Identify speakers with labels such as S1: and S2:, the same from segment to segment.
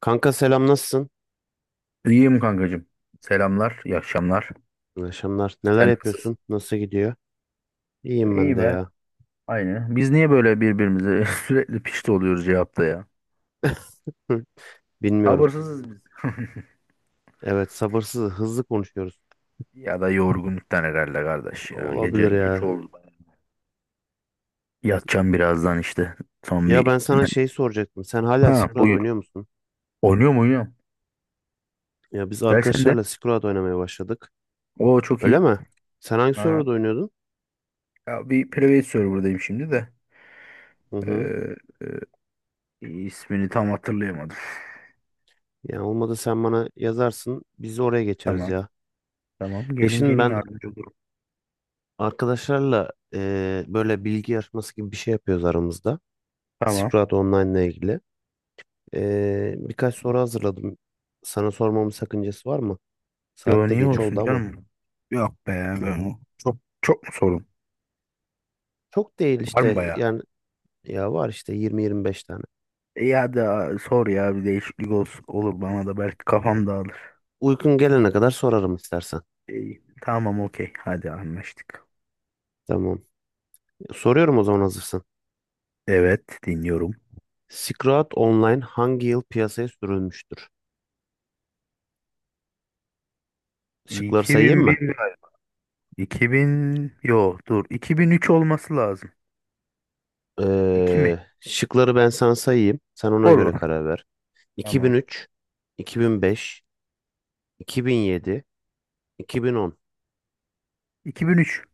S1: Kanka selam nasılsın?
S2: İyiyim kankacığım. Selamlar, iyi akşamlar.
S1: İyi akşamlar. Neler
S2: Sen nasılsın?
S1: yapıyorsun? Nasıl gidiyor? İyiyim ben
S2: İyi
S1: de
S2: be.
S1: ya.
S2: Aynı. Biz niye böyle birbirimize sürekli pişti oluyoruz cevapta ya?
S1: Hı, bilmiyorum.
S2: Sabırsızız biz.
S1: Evet sabırsız hızlı konuşuyoruz.
S2: Ya da yorgunluktan herhalde kardeş ya. Gece
S1: Olabilir
S2: geç
S1: ya.
S2: oldu. Yatacağım birazdan işte. Son
S1: Ya
S2: bir...
S1: ben sana şey soracaktım. Sen hala
S2: Ha,
S1: Skrull
S2: buyur.
S1: oynuyor musun?
S2: Oynuyor mu, oynuyorum?
S1: Ya biz
S2: Gel sen de.
S1: arkadaşlarla Skrull oynamaya başladık.
S2: O çok
S1: Öyle
S2: iyi.
S1: mi? Sen hangi
S2: Ha.
S1: serverda oynuyordun?
S2: Ya bir private server'dayım şimdi de.
S1: Hı hı.
S2: Ee, ismini tam hatırlayamadım.
S1: Ya olmadı sen bana yazarsın. Biz de oraya geçeriz
S2: Tamam.
S1: ya.
S2: Tamam.
S1: Ya
S2: Gelin
S1: şimdi
S2: gelin,
S1: ben
S2: yardımcı olurum.
S1: arkadaşlarla böyle bilgi yarışması gibi bir şey yapıyoruz aramızda.
S2: Tamam.
S1: Skrull Online ile ilgili. Birkaç soru hazırladım. Sana sormamın sakıncası var mı?
S2: Yo,
S1: Saatte
S2: niye
S1: geç
S2: olsun
S1: oldu ama.
S2: canım? Yok be, ben çok çok mu sorun?
S1: Çok değil
S2: Var mı
S1: işte
S2: bayağı?
S1: yani ya var işte 20-25 tane.
S2: E, ya da sor ya, bir değişiklik olsun, olur, bana da belki kafam dağılır.
S1: Uykun gelene kadar sorarım istersen.
S2: İyi, tamam, okey, hadi anlaştık.
S1: Tamam. Soruyorum o zaman hazırsın.
S2: Evet, dinliyorum.
S1: Silk Online hangi yıl piyasaya sürülmüştür? Şıkları sayayım
S2: 2001
S1: mı?
S2: galiba. 2000, yo, dur, 2003 olması lazım. 2 mi?
S1: Şıkları ben sana sayayım. Sen ona göre
S2: Olur.
S1: karar ver.
S2: Tamam.
S1: 2003, 2005, 2007, 2010,
S2: 2003.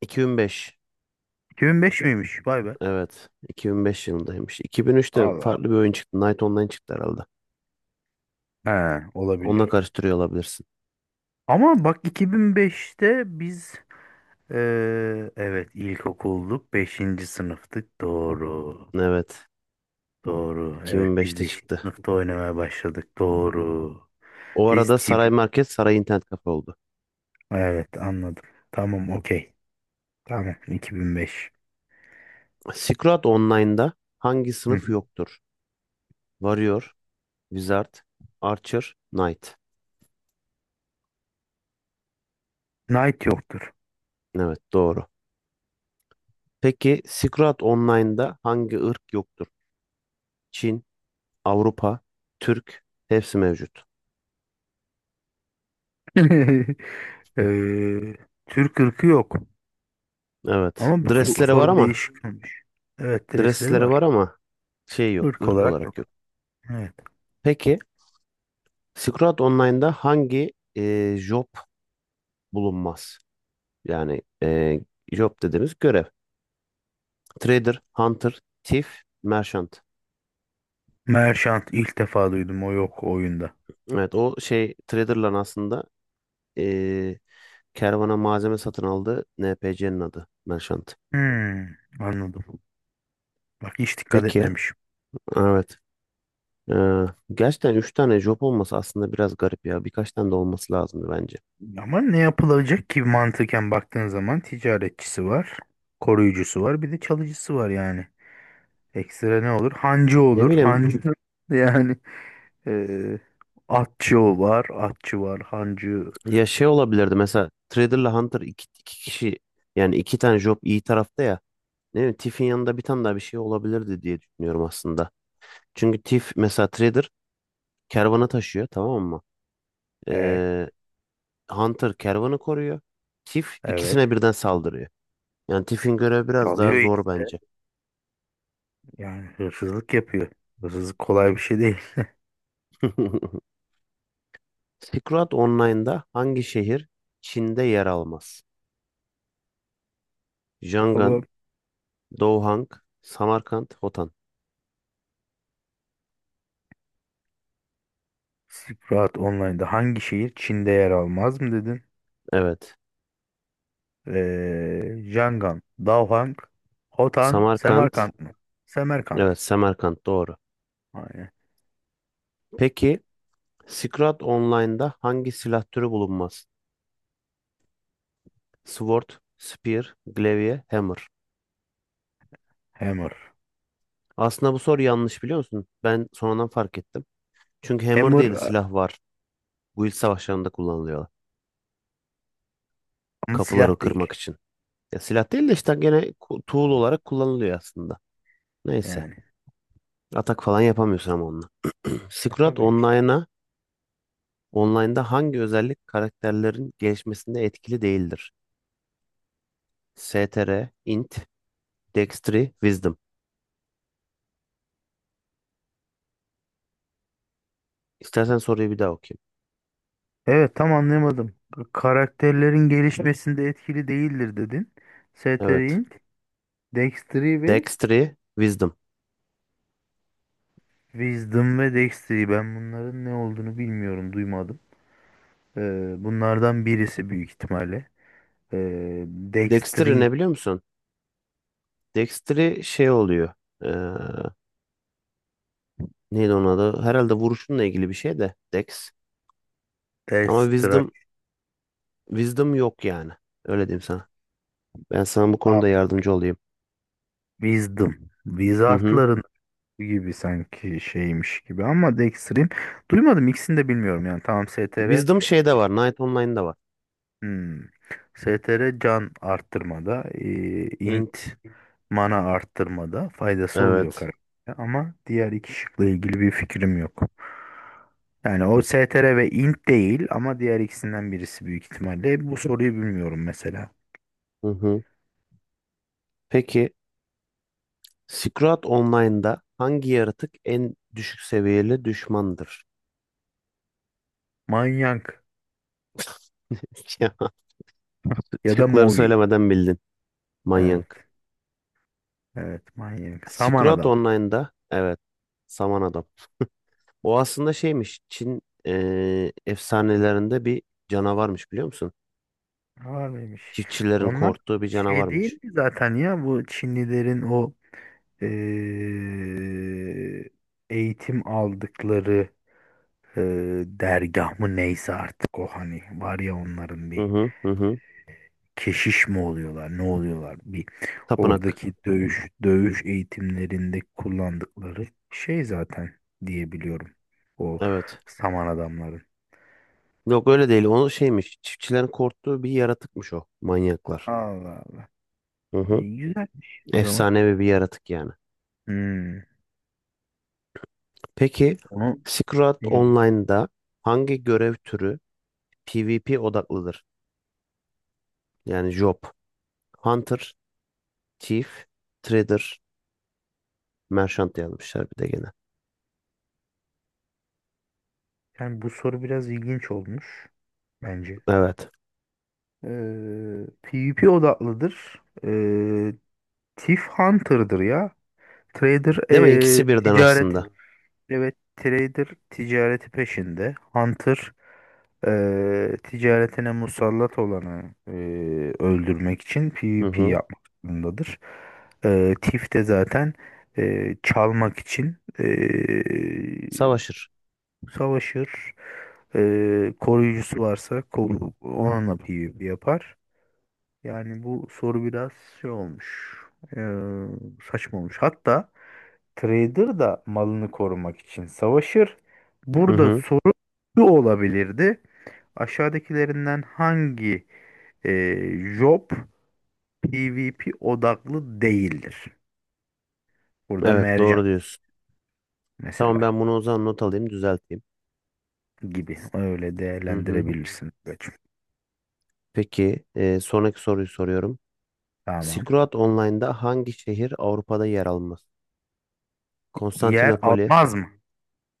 S1: 2005.
S2: 2005 miymiş? Vay be.
S1: Evet. 2005 yılındaymış. 2003'te
S2: Allah.
S1: farklı bir oyun çıktı. Night Online çıktı herhalde.
S2: He,
S1: Onunla
S2: olabilir.
S1: karıştırıyor olabilirsin.
S2: Ama bak, 2005'te biz, evet, ilkokulluk, beşinci sınıftık, doğru.
S1: Evet.
S2: Doğru. Evet, biz
S1: 2005'te
S2: beşinci
S1: çıktı.
S2: sınıfta oynamaya başladık, doğru.
S1: O
S2: Biz
S1: arada
S2: TB.
S1: Saray Market Saray İnternet Kafe oldu.
S2: Evet, anladım. Tamam, okey. Tamam, 2005.
S1: Silk Online'da hangi
S2: Hı
S1: sınıf
S2: hı.
S1: yoktur? Warrior, Wizard, Archer, Knight.
S2: Knight yoktur.
S1: Evet doğru. Peki Silk Online'da hangi ırk yoktur? Çin, Avrupa, Türk hepsi mevcut.
S2: Ee, Türk ırkı yok.
S1: Evet.
S2: Ama bu
S1: Dresleri var
S2: soru bir
S1: ama
S2: değişik olmuş. Evet, dresleri
S1: dresleri
S2: var.
S1: var ama şey yok,
S2: Irk
S1: ırk
S2: olarak
S1: olarak
S2: yok.
S1: yok.
S2: Evet.
S1: Peki Scroll Online'da hangi job bulunmaz? Yani job dediğimiz görev. Trader, Hunter, Thief, Merchant.
S2: Merchant ilk defa duydum, o yok oyunda.
S1: Evet o şey Trader'la aslında e, kervana malzeme satın aldığı NPC'nin adı Merchant.
S2: Hmm, anladım. Bak, hiç dikkat
S1: Peki
S2: etmemişim.
S1: evet. E, Gerçekten üç tane job olması aslında biraz garip ya. Birkaç tane de olması lazımdı bence.
S2: Ama ne yapılacak ki, mantıken baktığın zaman ticaretçisi var, koruyucusu var, bir de çalıcısı var yani. Ekstra ne olur? Hancı
S1: Ne
S2: olur.
S1: bileyim
S2: Hancı, yani eee atçı o var, atçı var, hancı.
S1: ya şey olabilirdi mesela Trader'la Hunter iki, iki kişi yani iki tane job iyi tarafta ya. Evet, TIF'in yanında bir tane daha bir şey olabilirdi diye düşünüyorum aslında. Çünkü TIF mesela trader kervanı taşıyor tamam mı?
S2: E,
S1: Ee, Hunter kervanı koruyor. TIF
S2: evet.
S1: ikisine birden saldırıyor. Yani TIF'in görevi biraz
S2: Çalıyor
S1: daha zor
S2: işte.
S1: bence.
S2: Yani hırsızlık yapıyor. Hırsızlık kolay bir şey değil.
S1: Silk Online'da hangi şehir Çin'de yer almaz? Yangon,
S2: Tamam.
S1: Douhang, Samarkand, Hotan.
S2: Silk Road Online'da hangi şehir Çin'de yer almaz mı dedin?
S1: Evet.
S2: Yangon, Daohang, Hotan,
S1: Samarkand.
S2: Semerkant mı? Semerkant.
S1: Evet, Samarkand doğru.
S2: Aynen.
S1: Peki Silk Online'da hangi silah türü bulunmaz? Sword, Spear, Glaive, Hammer.
S2: Hammer.
S1: Aslında bu soru yanlış biliyor musun? Ben sonradan fark ettim. Çünkü Hammer
S2: Hammer
S1: diye de
S2: a-
S1: silah var. Guild savaşlarında kullanılıyor.
S2: Ama silah
S1: Kapıları
S2: değil.
S1: kırmak için. Ya silah değil de işte gene tool olarak kullanılıyor aslında. Neyse.
S2: Yani.
S1: Atak falan yapamıyorsun ama onunla. Silk
S2: Tabii işte.
S1: Online'da hangi özellik karakterlerin gelişmesinde etkili değildir? STR, Int, Dextry, Wisdom. İstersen soruyu bir daha okuyayım.
S2: Evet, tam anlayamadım. Karakterlerin gelişmesinde etkili değildir, dedin.
S1: Evet.
S2: Setterint, Dexter'i ve
S1: Dextry, Wisdom.
S2: Wisdom ve Dexter'i. Ben bunların ne olduğunu bilmiyorum, duymadım. Bunlardan birisi büyük ihtimalle.
S1: Dextry
S2: Dexter'i,
S1: ne biliyor musun? Dexter'i şey oluyor. Eee Neydi onun adı? Herhalde vuruşunla ilgili bir şey de Dex. Ama
S2: Dexter,
S1: Wisdom yok yani. Öyle diyeyim sana. Ben sana bu
S2: Aa,
S1: konuda yardımcı olayım.
S2: Wisdom.
S1: Hı hı.
S2: Wizardların gibi sanki şeymiş gibi, ama Dexter'in duymadım, ikisini de bilmiyorum yani. Tamam, STR.
S1: Wisdom şeyde var. Knight Online'da var.
S2: Hmm. STR can arttırmada, int
S1: Int.
S2: mana arttırmada faydası oluyor
S1: Evet.
S2: karaktere, ama diğer iki şıkla ilgili bir fikrim yok. Yani o STR ve int değil, ama diğer ikisinden birisi büyük ihtimalle. Bu soruyu bilmiyorum mesela.
S1: Hı hı. Peki Scroat Online'da hangi yaratık en düşük seviyeli düşmandır?
S2: Manyak
S1: Ya,
S2: ya da
S1: şıkları
S2: Movi.
S1: söylemeden bildin.
S2: Evet.
S1: Manyak.
S2: Evet, manyak. Saman
S1: Scroat
S2: adam.
S1: Online'da evet. Saman adam. O aslında şeymiş. Çin efsanelerinde bir canavarmış biliyor musun?
S2: Var mıymış?
S1: Çiftçilerin
S2: Onlar
S1: korktuğu bir
S2: şey değil
S1: canavarmış.
S2: mi zaten, ya bu Çinlilerin o eee, eğitim aldıkları dergah mı, neyse artık, o hani var ya, onların
S1: Hı
S2: bir
S1: hı hı hı.
S2: keşiş mi oluyorlar, ne oluyorlar, bir
S1: Tapınak.
S2: oradaki dövüş dövüş eğitimlerinde kullandıkları şey zaten diyebiliyorum, o
S1: Evet.
S2: saman adamların.
S1: Yok öyle değil. O şeymiş. Çiftçilerin korktuğu bir yaratıkmış o. Manyaklar.
S2: Allah Allah.
S1: Hı hı.
S2: Güzelmiş o zaman.
S1: Efsanevi bir yaratık yani.
S2: Hmm,
S1: Peki
S2: onu.
S1: Secret Online'da hangi görev türü PvP odaklıdır? Yani job. Hunter, Thief, Trader, Merchant yazmışlar bir de gene.
S2: Yani bu soru biraz ilginç olmuş bence.
S1: Evet.
S2: PvP odaklıdır. Thief Hunter'dır ya. Trader
S1: Değil mi? İkisi birden
S2: ticareti,
S1: aslında.
S2: bilmiyorum. Evet, trader ticareti peşinde. Hunter ticaretine musallat olanı öldürmek için
S1: Hı
S2: PvP
S1: hı.
S2: yapmak zorundadır. Thief de zaten çalmak için
S1: Savaşır.
S2: savaşır. Koruyucusu varsa koru, onunla bir yapar. Yani bu soru biraz şey olmuş, ee, saçma olmuş. Hatta trader da malını korumak için savaşır.
S1: Hı
S2: Burada
S1: hı.
S2: soru şu olabilirdi: aşağıdakilerinden hangi job PvP odaklı değildir? Burada
S1: Evet
S2: mercan
S1: doğru diyorsun. Tamam
S2: mesela
S1: ben bunu o zaman not alayım düzelteyim.
S2: gibi. Öyle
S1: Hı hı.
S2: değerlendirebilirsin. Evet.
S1: Peki sonraki soruyu soruyorum.
S2: Tamam.
S1: Silk Online'da hangi şehir Avrupa'da yer almaz?
S2: Yer
S1: Konstantinopoli
S2: almaz mı?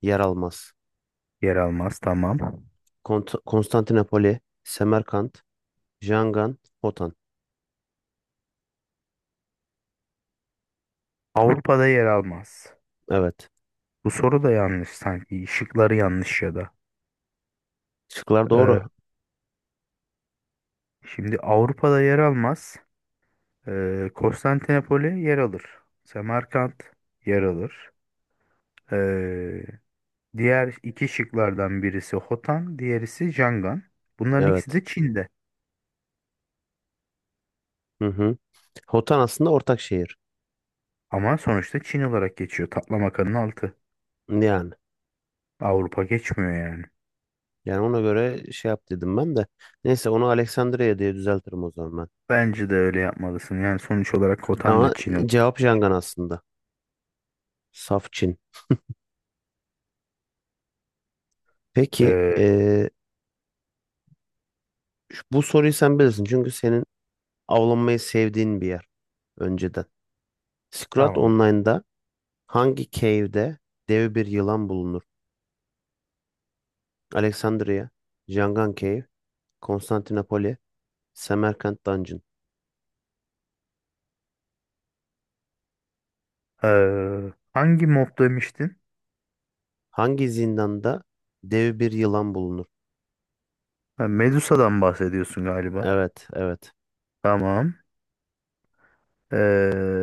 S1: yer almaz.
S2: Yer almaz, tamam.
S1: Konstantinopoli, Semerkant, Jangan, Hotan.
S2: Avrupa'da yer almaz.
S1: Evet.
S2: Bu soru da yanlış sanki. Şıkları yanlış ya da.
S1: Şıklar
S2: Ee,
S1: doğru.
S2: Şimdi, Avrupa'da yer almaz. Konstantinopoli yer alır. Semerkant yer alır. Ee, Diğer iki şıklardan birisi Hotan, diğerisi Jangan. Bunların ikisi
S1: Evet.
S2: de Çin'de.
S1: Hı hı. Hotan aslında ortak şehir.
S2: Ama sonuçta Çin olarak geçiyor. Taklamakanın altı.
S1: Yani.
S2: Avrupa geçmiyor yani.
S1: Yani ona göre şey yap dedim ben de. Neyse onu Aleksandria diye düzeltirim o zaman ben.
S2: Bence de öyle yapmalısın. Yani sonuç olarak Hotan da
S1: Ama
S2: Çin olarak
S1: cevap Jangan
S2: geçiyor.
S1: aslında. Saf Çin. Peki
S2: Ee,
S1: bu soruyu sen bilirsin çünkü senin avlanmayı sevdiğin bir yer önceden. Scrat
S2: tamam.
S1: Online'da hangi cave'de dev bir yılan bulunur? Alexandria, Jangan Cave, Konstantinopoli, Semerkant Dungeon.
S2: Hangi mob demiştin?
S1: Hangi zindanda dev bir yılan bulunur?
S2: Ha, Medusa'dan bahsediyorsun galiba.
S1: Evet, evet.
S2: Tamam. Ee,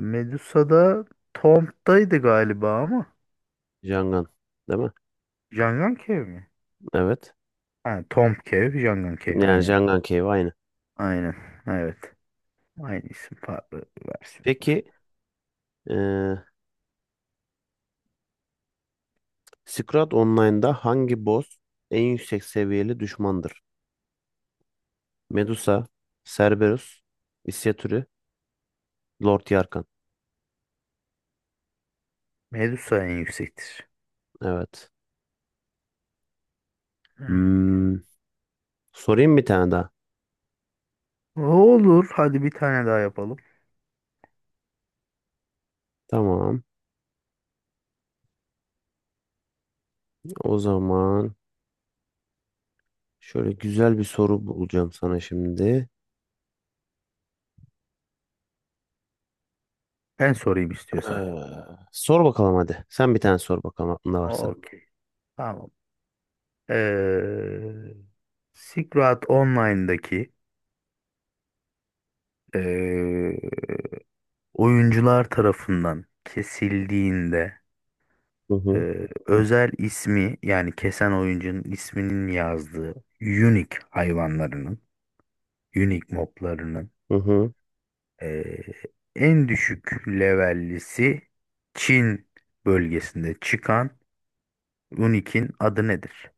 S2: Medusa'da Tomb'daydı galiba ama.
S1: Jangan, değil mi?
S2: Jangan Cave mi?
S1: Evet.
S2: Ha, Tomb Cave, Jangan Cave.
S1: Yani
S2: Aynen.
S1: Jangan Cave aynı.
S2: Aynen. Evet. Aynı isim farklı versiyondur.
S1: Peki eee Scrat Online'da hangi boss en yüksek seviyeli düşmandır? Medusa, Cerberus, İsya Lord Yarkan.
S2: Medusa en yüksektir.
S1: Evet.
S2: Evet.
S1: Hmm, Sorayım bir tane daha.
S2: Olur. Hadi bir tane daha yapalım.
S1: Tamam. O zaman şöyle güzel bir soru bulacağım sana şimdi.
S2: Ben sorayım istiyorsan.
S1: Ee, Sor bakalım hadi. Sen bir tane sor bakalım aklında varsa.
S2: Okey. Tamam. Ee, Silk Road Online'daki ee, oyuncular tarafından kesildiğinde
S1: Hı hı.
S2: özel ismi, yani kesen oyuncunun isminin yazdığı unique hayvanlarının, unique moblarının
S1: Hı hı.
S2: e, en düşük levellisi, Çin bölgesinde çıkan unique'in adı nedir?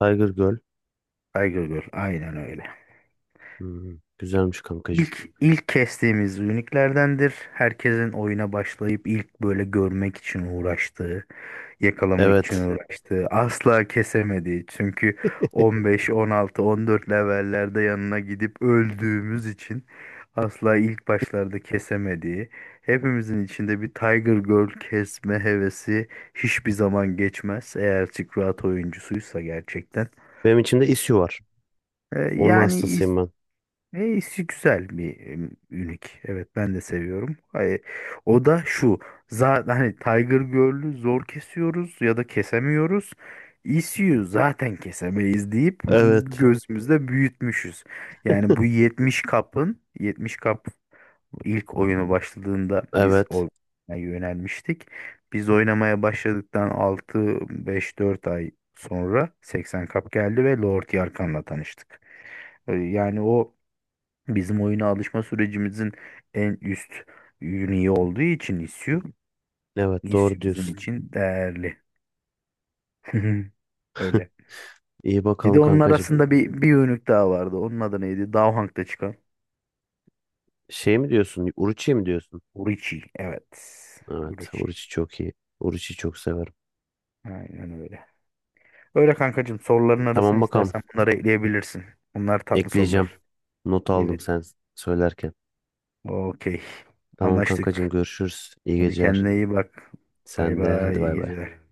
S1: Tiger Girl.
S2: Tiger Girl, aynen öyle.
S1: Güzelmiş kankacığım.
S2: İlk kestiğimiz uniklerdendir. Herkesin oyuna başlayıp ilk böyle görmek için uğraştığı, yakalamak için
S1: Evet.
S2: uğraştı. Asla kesemedi. Çünkü 15, 16, 14 levellerde yanına gidip öldüğümüz için asla ilk başlarda kesemediği, hepimizin içinde bir Tiger Girl kesme hevesi hiçbir zaman geçmez. Eğer Silk Road oyuncusuysa gerçekten.
S1: Benim içimde İsyu var. Onun
S2: Yani
S1: hastasıyım ben.
S2: işi güzel bir ünik. Evet, ben de seviyorum. Ay, o da şu. Zaten hani Tiger Girl'ü zor kesiyoruz ya da kesemiyoruz. ECU zaten kesemeyiz deyip
S1: Evet.
S2: gözümüzde büyütmüşüz. Yani bu 70 kapın, 70 kap ilk oyunu başladığında biz
S1: Evet.
S2: oynamaya yönelmiştik. Biz oynamaya başladıktan 6, 5, 4 ay sonra 80 kap geldi ve Lord Yarkan'la tanıştık. Yani o, bizim oyuna alışma sürecimizin en üst ürünü olduğu için ISU,
S1: Evet doğru
S2: ISU bizim
S1: diyorsun.
S2: için değerli. Öyle.
S1: İyi
S2: Bir
S1: bakalım
S2: de onun
S1: kankacığım.
S2: arasında bir ürünlük daha vardı. Onun adı neydi? Daha çıkan.
S1: Şey mi diyorsun? Uruçi mi diyorsun?
S2: Urichi. Evet.
S1: Evet.
S2: Urichi.
S1: Oruç'u çok iyi. Oruç'u çok severim.
S2: Aynen öyle. Öyle kankacığım. Soruların arasını
S1: Tamam bakalım.
S2: istersen bunları ekleyebilirsin. Bunlar tatlı
S1: Ekleyeceğim.
S2: sorular.
S1: Not aldım
S2: Evet.
S1: sen söylerken.
S2: Okey.
S1: Tamam kankacığım
S2: Anlaştık.
S1: görüşürüz. İyi
S2: Hadi
S1: geceler.
S2: kendine iyi bak. Bay
S1: Sen de
S2: bay.
S1: hadi
S2: İyi
S1: bay bay.
S2: geceler.